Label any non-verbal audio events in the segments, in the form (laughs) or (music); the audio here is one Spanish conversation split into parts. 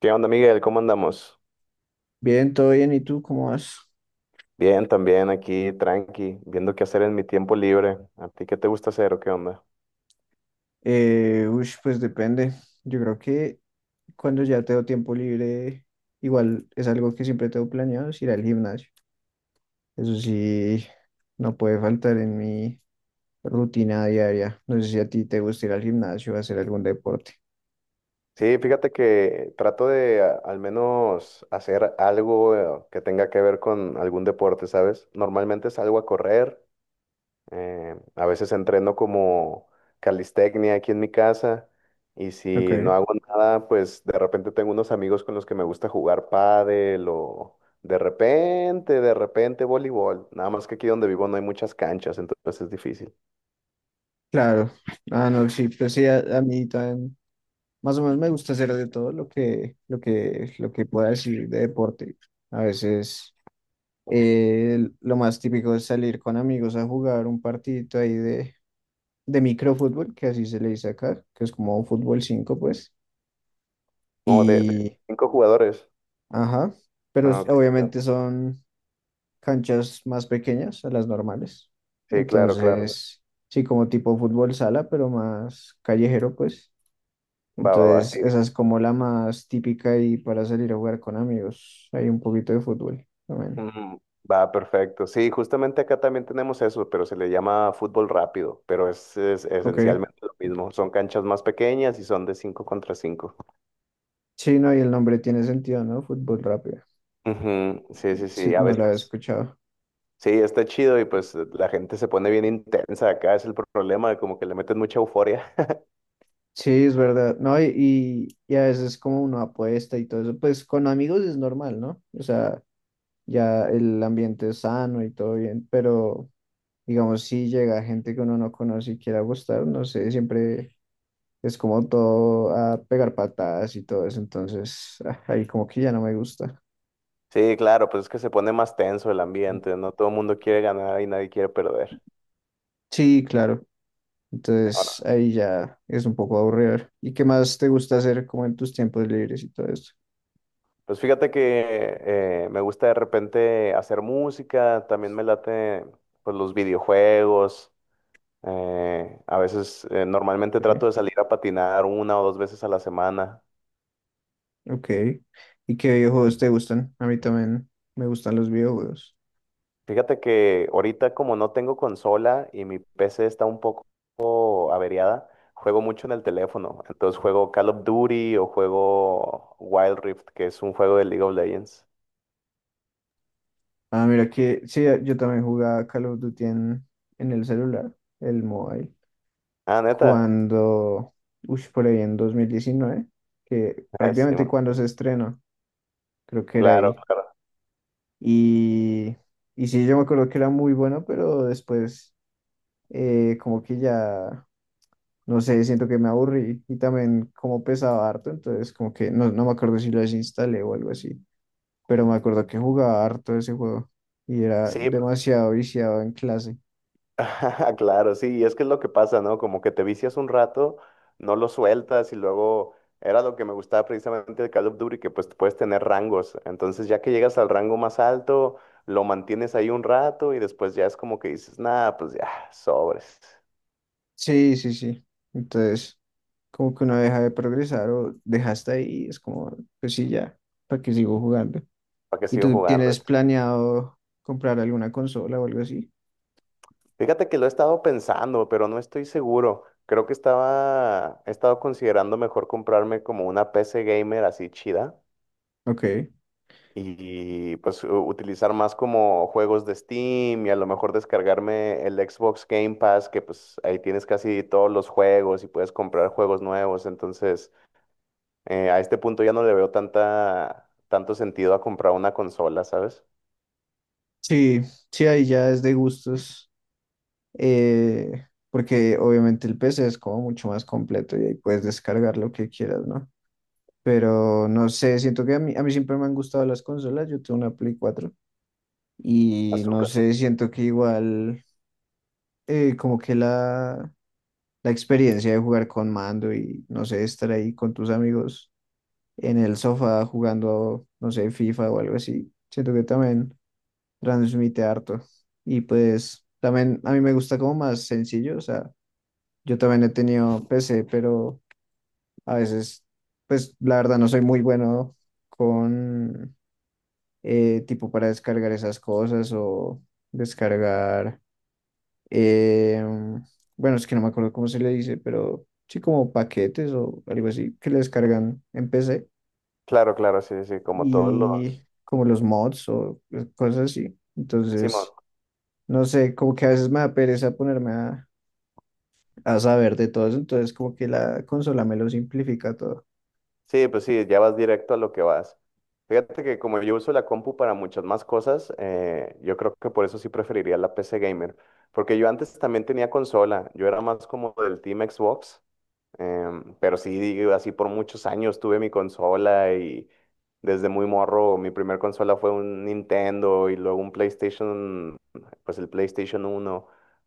¿Qué onda, Miguel? ¿Cómo andamos? Bien, todo bien. ¿Y tú cómo vas? Bien, también aquí, tranqui, viendo qué hacer en mi tiempo libre. ¿A ti qué te gusta hacer o qué onda? Pues depende. Yo creo que cuando ya tengo tiempo libre, igual es algo que siempre tengo planeado, es ir al gimnasio. Eso sí, no puede faltar en mi rutina diaria. No sé si a ti te gusta ir al gimnasio o hacer algún deporte. Sí, fíjate que trato de al menos hacer algo que tenga que ver con algún deporte, ¿sabes? Normalmente salgo a correr. A veces entreno como calistecnia aquí en mi casa y si no Ok, hago nada, pues de repente tengo unos amigos con los que me gusta jugar pádel o de repente voleibol. Nada más que aquí donde vivo no hay muchas canchas, entonces es difícil. claro. Ah, no, sí, pues sí, a mí también. Más o menos me gusta hacer de todo lo que pueda decir de deporte. A veces. Lo más típico es salir con amigos a jugar un partidito ahí de microfútbol, que así se le dice acá, que es como fútbol cinco, pues. No, de Y, cinco jugadores. ajá, pero Ah, ok, claro. obviamente son canchas más pequeñas a las normales. Sí, claro, claro. Entonces, sí, como tipo fútbol sala, pero más callejero, pues. Va, va, va, Entonces, sí. esa es como la más típica y para salir a jugar con amigos. Hay un poquito de fútbol también. Mm. Va, perfecto. Sí, justamente acá también tenemos eso, pero se le llama fútbol rápido, pero es Ok. esencialmente lo mismo. Son canchas más pequeñas y son de 5 contra cinco. Sí, no, y el nombre tiene sentido, ¿no? Fútbol rápido. Ujú, sí, sí, Sí, sí, a no lo había veces. escuchado. Sí, está chido y pues la gente se pone bien intensa acá, es el problema, como que le meten mucha euforia. (laughs) Sí, es verdad. No, y a veces como uno apuesta y todo eso, pues con amigos es normal, ¿no? O sea, ya el ambiente es sano y todo bien, pero digamos, si llega gente que uno no conoce y quiere apostar, no sé, siempre es como todo a pegar patadas y todo eso, entonces ahí como que ya no me gusta. Sí, claro, pues es que se pone más tenso el ambiente, no todo el mundo quiere ganar y nadie quiere perder. Sí, claro. Ahora, Entonces ahí ya es un poco aburrido. ¿Y qué más te gusta hacer como en tus tiempos libres y todo eso? pues fíjate que me gusta de repente hacer música, también me late pues los videojuegos. Normalmente trato de salir a patinar una o dos veces a la semana. Ok. ¿Y qué videojuegos te gustan? A mí también me gustan los videojuegos. Fíjate que ahorita como no tengo consola y mi PC está un poco averiada, juego mucho en el teléfono. Entonces juego Call of Duty o juego Wild Rift, que es un juego de League of Legends. Ah, mira que sí, yo también jugaba Call of Duty en el celular, el mobile, Ah, neta. cuando, uy, por ahí en 2019, que Sí, prácticamente bueno, cuando se estrenó, creo que era claro, ahí. claro. Y, y sí, yo me acuerdo que era muy bueno, pero después como que ya, no sé, siento que me aburrí y también como pesaba harto, entonces como que no me acuerdo si lo desinstalé o algo así. Pero me acuerdo que jugaba harto ese juego y era Sí. demasiado viciado en clase. (laughs) Claro, sí, y es que es lo que pasa, ¿no? Como que te vicias un rato, no lo sueltas y luego era lo que me gustaba precisamente de Call of Duty, que pues puedes tener rangos. Entonces ya que llegas al rango más alto, lo mantienes ahí un rato y después ya es como que dices, nada, pues ya, sobres, Sí, sí, sí. Entonces, como que uno deja de progresar o deja hasta ahí, es como, pues sí, ya, ¿para qué sigo jugando? ¿para qué ¿Y sigo tú jugando? tienes planeado comprar alguna consola o algo así? Fíjate que lo he estado pensando, pero no estoy seguro. He estado considerando mejor comprarme como una PC gamer así chida Ok. y pues utilizar más como juegos de Steam y a lo mejor descargarme el Xbox Game Pass, que pues ahí tienes casi todos los juegos y puedes comprar juegos nuevos. Entonces, a este punto ya no le veo tanta, tanto sentido a comprar una consola, ¿sabes? Sí, sí, ahí ya es de gustos, porque obviamente el PC es como mucho más completo y ahí puedes descargar lo que quieras, ¿no? Pero no sé, siento que a mí siempre me han gustado las consolas. Yo tengo una Play 4. Y no Azúcar. sé, siento que igual como que la experiencia de jugar con mando y no sé, estar ahí con tus amigos en el sofá jugando, no sé, FIFA o algo así, siento que también transmite harto. Y pues también a mí me gusta como más sencillo, o sea, yo también he tenido PC, pero a veces, pues la verdad no soy muy bueno con tipo para descargar esas cosas o descargar eh, bueno, es que no me acuerdo cómo se le dice, pero sí como paquetes o algo así que le descargan en PC Claro, claro, sí, sí, sí, como todos y los... como los mods o cosas así. Simón. Entonces, no sé, como que a veces me da pereza ponerme a saber de todo eso, entonces como que la consola me lo simplifica todo. Sí, pues sí, ya vas directo a lo que vas. Fíjate que como yo uso la compu para muchas más cosas, yo creo que por eso sí preferiría la PC gamer. Porque yo antes también tenía consola, yo era más como del Team Xbox. Pero sí, digo, así por muchos años tuve mi consola y desde muy morro mi primer consola fue un Nintendo y luego un PlayStation, pues el PlayStation 1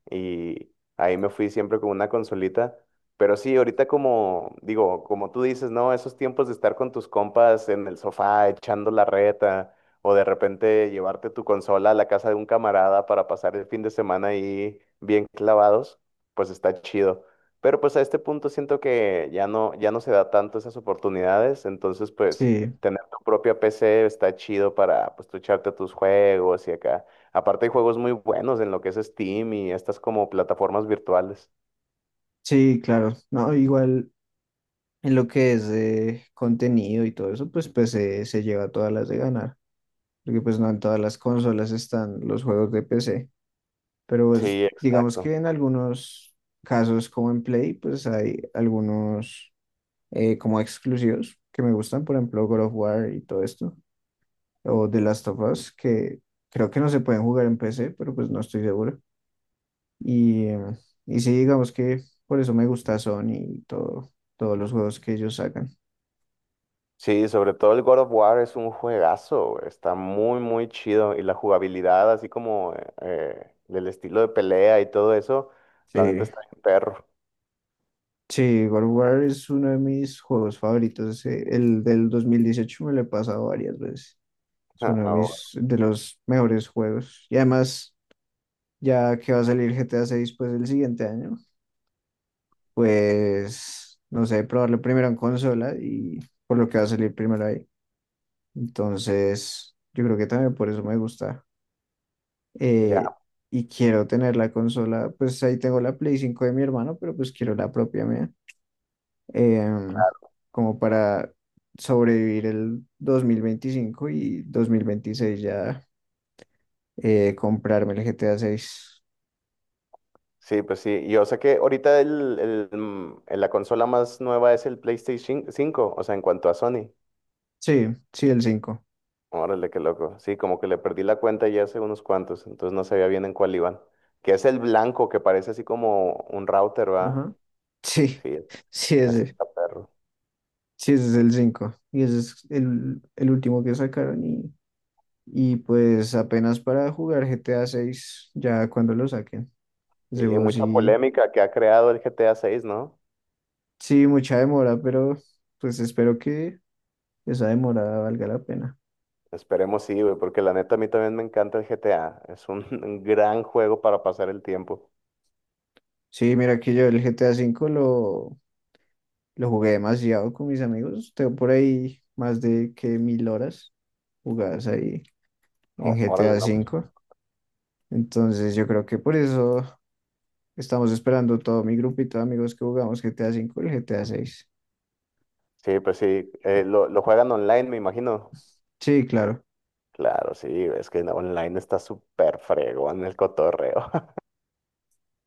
y ahí me fui siempre con una consolita. Pero sí, ahorita como digo, como tú dices, ¿no? Esos tiempos de estar con tus compas en el sofá echando la reta o de repente llevarte tu consola a la casa de un camarada para pasar el fin de semana ahí bien clavados, pues está chido. Pero pues a este punto siento que ya no se da tanto esas oportunidades, entonces pues Sí, tener tu propia PC está chido para pues tú echarte tus juegos y acá. Aparte hay juegos muy buenos en lo que es Steam y estas como plataformas virtuales. sí, claro. No, igual en lo que es de contenido y todo eso, pues PC se lleva todas las de ganar, porque pues no en todas las consolas están los juegos de PC. Pero pues, Sí, digamos exacto. que en algunos casos como en Play, pues hay algunos como exclusivos que me gustan, por ejemplo God of War y todo esto, o The Last of Us, que creo que no se pueden jugar en PC, pero pues no estoy seguro. Y, eh, y sí, digamos que por eso me gusta Sony y todo, todos los juegos que ellos sacan. Sí, sobre todo el God of War es un juegazo, güey, está muy, muy chido y la jugabilidad, así como del estilo de pelea y todo eso, Sí, la neta está en perro. sí, God of War es uno de mis juegos favoritos. El del 2018 me lo he pasado varias veces. Es (laughs) uno de Ah, mis, de los mejores juegos. Y además, ya que va a salir GTA 6 pues el siguiente año, pues no sé, probarlo primero en consola y por lo que va a salir primero ahí. Entonces, yo creo que también por eso me gusta. ya. Eh, y quiero tener la consola, pues ahí tengo la Play 5 de mi hermano, pero pues quiero la propia mía. em, Como para sobrevivir el 2025 y 2026 ya comprarme el GTA 6. Sí, pues sí. Yo sé que ahorita la consola más nueva es el PlayStation 5, o sea, en cuanto a Sony. Sí, sí, el cinco. Órale, qué loco. Sí, como que le perdí la cuenta ya hace unos cuantos, entonces no sabía bien en cuál iban. Que es el blanco, que parece así como un router, ¿va? Ajá. Sí, Sí, (laughs) sí, ese ese. está perro. Sí, ese es el cinco. Y ese es el último que sacaron. Y pues apenas para jugar GTA 6 ya cuando lo saquen. Sí. Ese Sí, juego mucha sí, polémica que ha creado el GTA 6, ¿no? sí, mucha demora, pero pues espero que esa demora valga la pena. Esperemos sí, güey, porque la neta a mí también me encanta el GTA. Es un, (laughs) un gran juego para pasar el tiempo. Sí, mira que yo el GTA 5 lo jugué demasiado con mis amigos. Tengo por ahí más de que mil horas jugadas ahí en Ó- G T Órale, A no, pues. cinco Entonces yo creo que por eso. Estamos esperando todo mi grupito de amigos que jugamos GTA 5 y GTA 6. Sí, pues sí. Lo juegan online, me imagino. Sí, claro. Claro, sí, es que online está súper fregón el cotorreo. (laughs)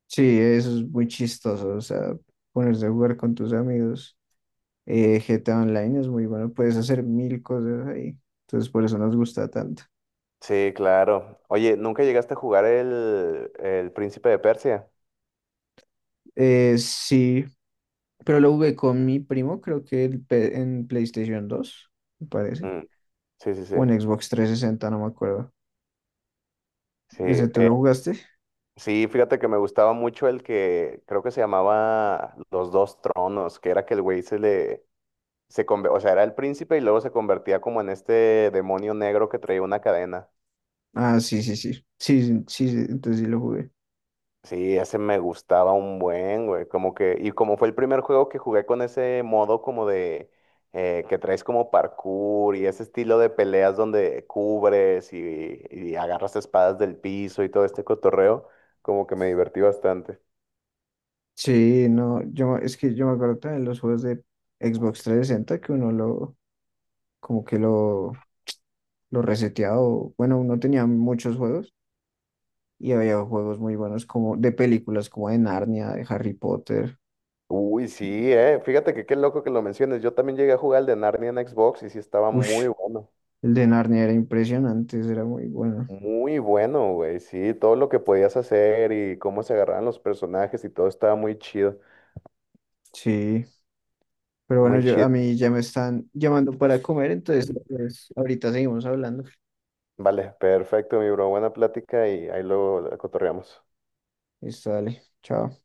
Sí, eso es muy chistoso. O sea, ponerse a jugar con tus amigos. GTA Online es muy bueno. Puedes hacer mil cosas ahí. Entonces, por eso nos gusta tanto. Sí, claro. Oye, ¿nunca llegaste a jugar el Príncipe de Persia? Sí, pero lo jugué con mi primo, creo que en PlayStation 2 me parece. Mm, sí, sí, sí. O en Xbox trescientos sesenta, no me acuerdo. Sí, ¿Ese tú lo jugaste? sí, fíjate que me gustaba mucho el que creo que se llamaba Los Dos Tronos, que era que el güey se le, se conve- o sea, era el príncipe y luego se convertía como en este demonio negro que traía una cadena. Ah, sí, sí, sí. Sí, sí, sí, entonces sí lo jugué. Sí, ese me gustaba un buen, güey. Como que, y como fue el primer juego que jugué con ese modo como de que traes como parkour y ese estilo de peleas donde cubres y agarras espadas del piso y todo este cotorreo, como que me divertí bastante. Sí, no, yo es que yo me acuerdo también los juegos de Xbox 360 que uno lo como que lo reseteaba, bueno, uno tenía muchos juegos y había juegos muy buenos como de películas como de Narnia, de Harry Potter. Uy, sí. Fíjate que qué loco que lo menciones. Yo también llegué a jugar el de Narnia en Xbox y sí estaba Ush, muy bueno. el de Narnia era impresionante, ese era muy bueno. Muy bueno, güey. Sí, todo lo que podías hacer y cómo se agarraban los personajes y todo estaba muy chido. Sí, pero bueno, Muy yo a chido. mí ya me están llamando para comer, entonces pues, ahorita seguimos hablando. Vale, perfecto, mi bro. Buena plática y ahí luego la cotorreamos. Listo, dale. Chao.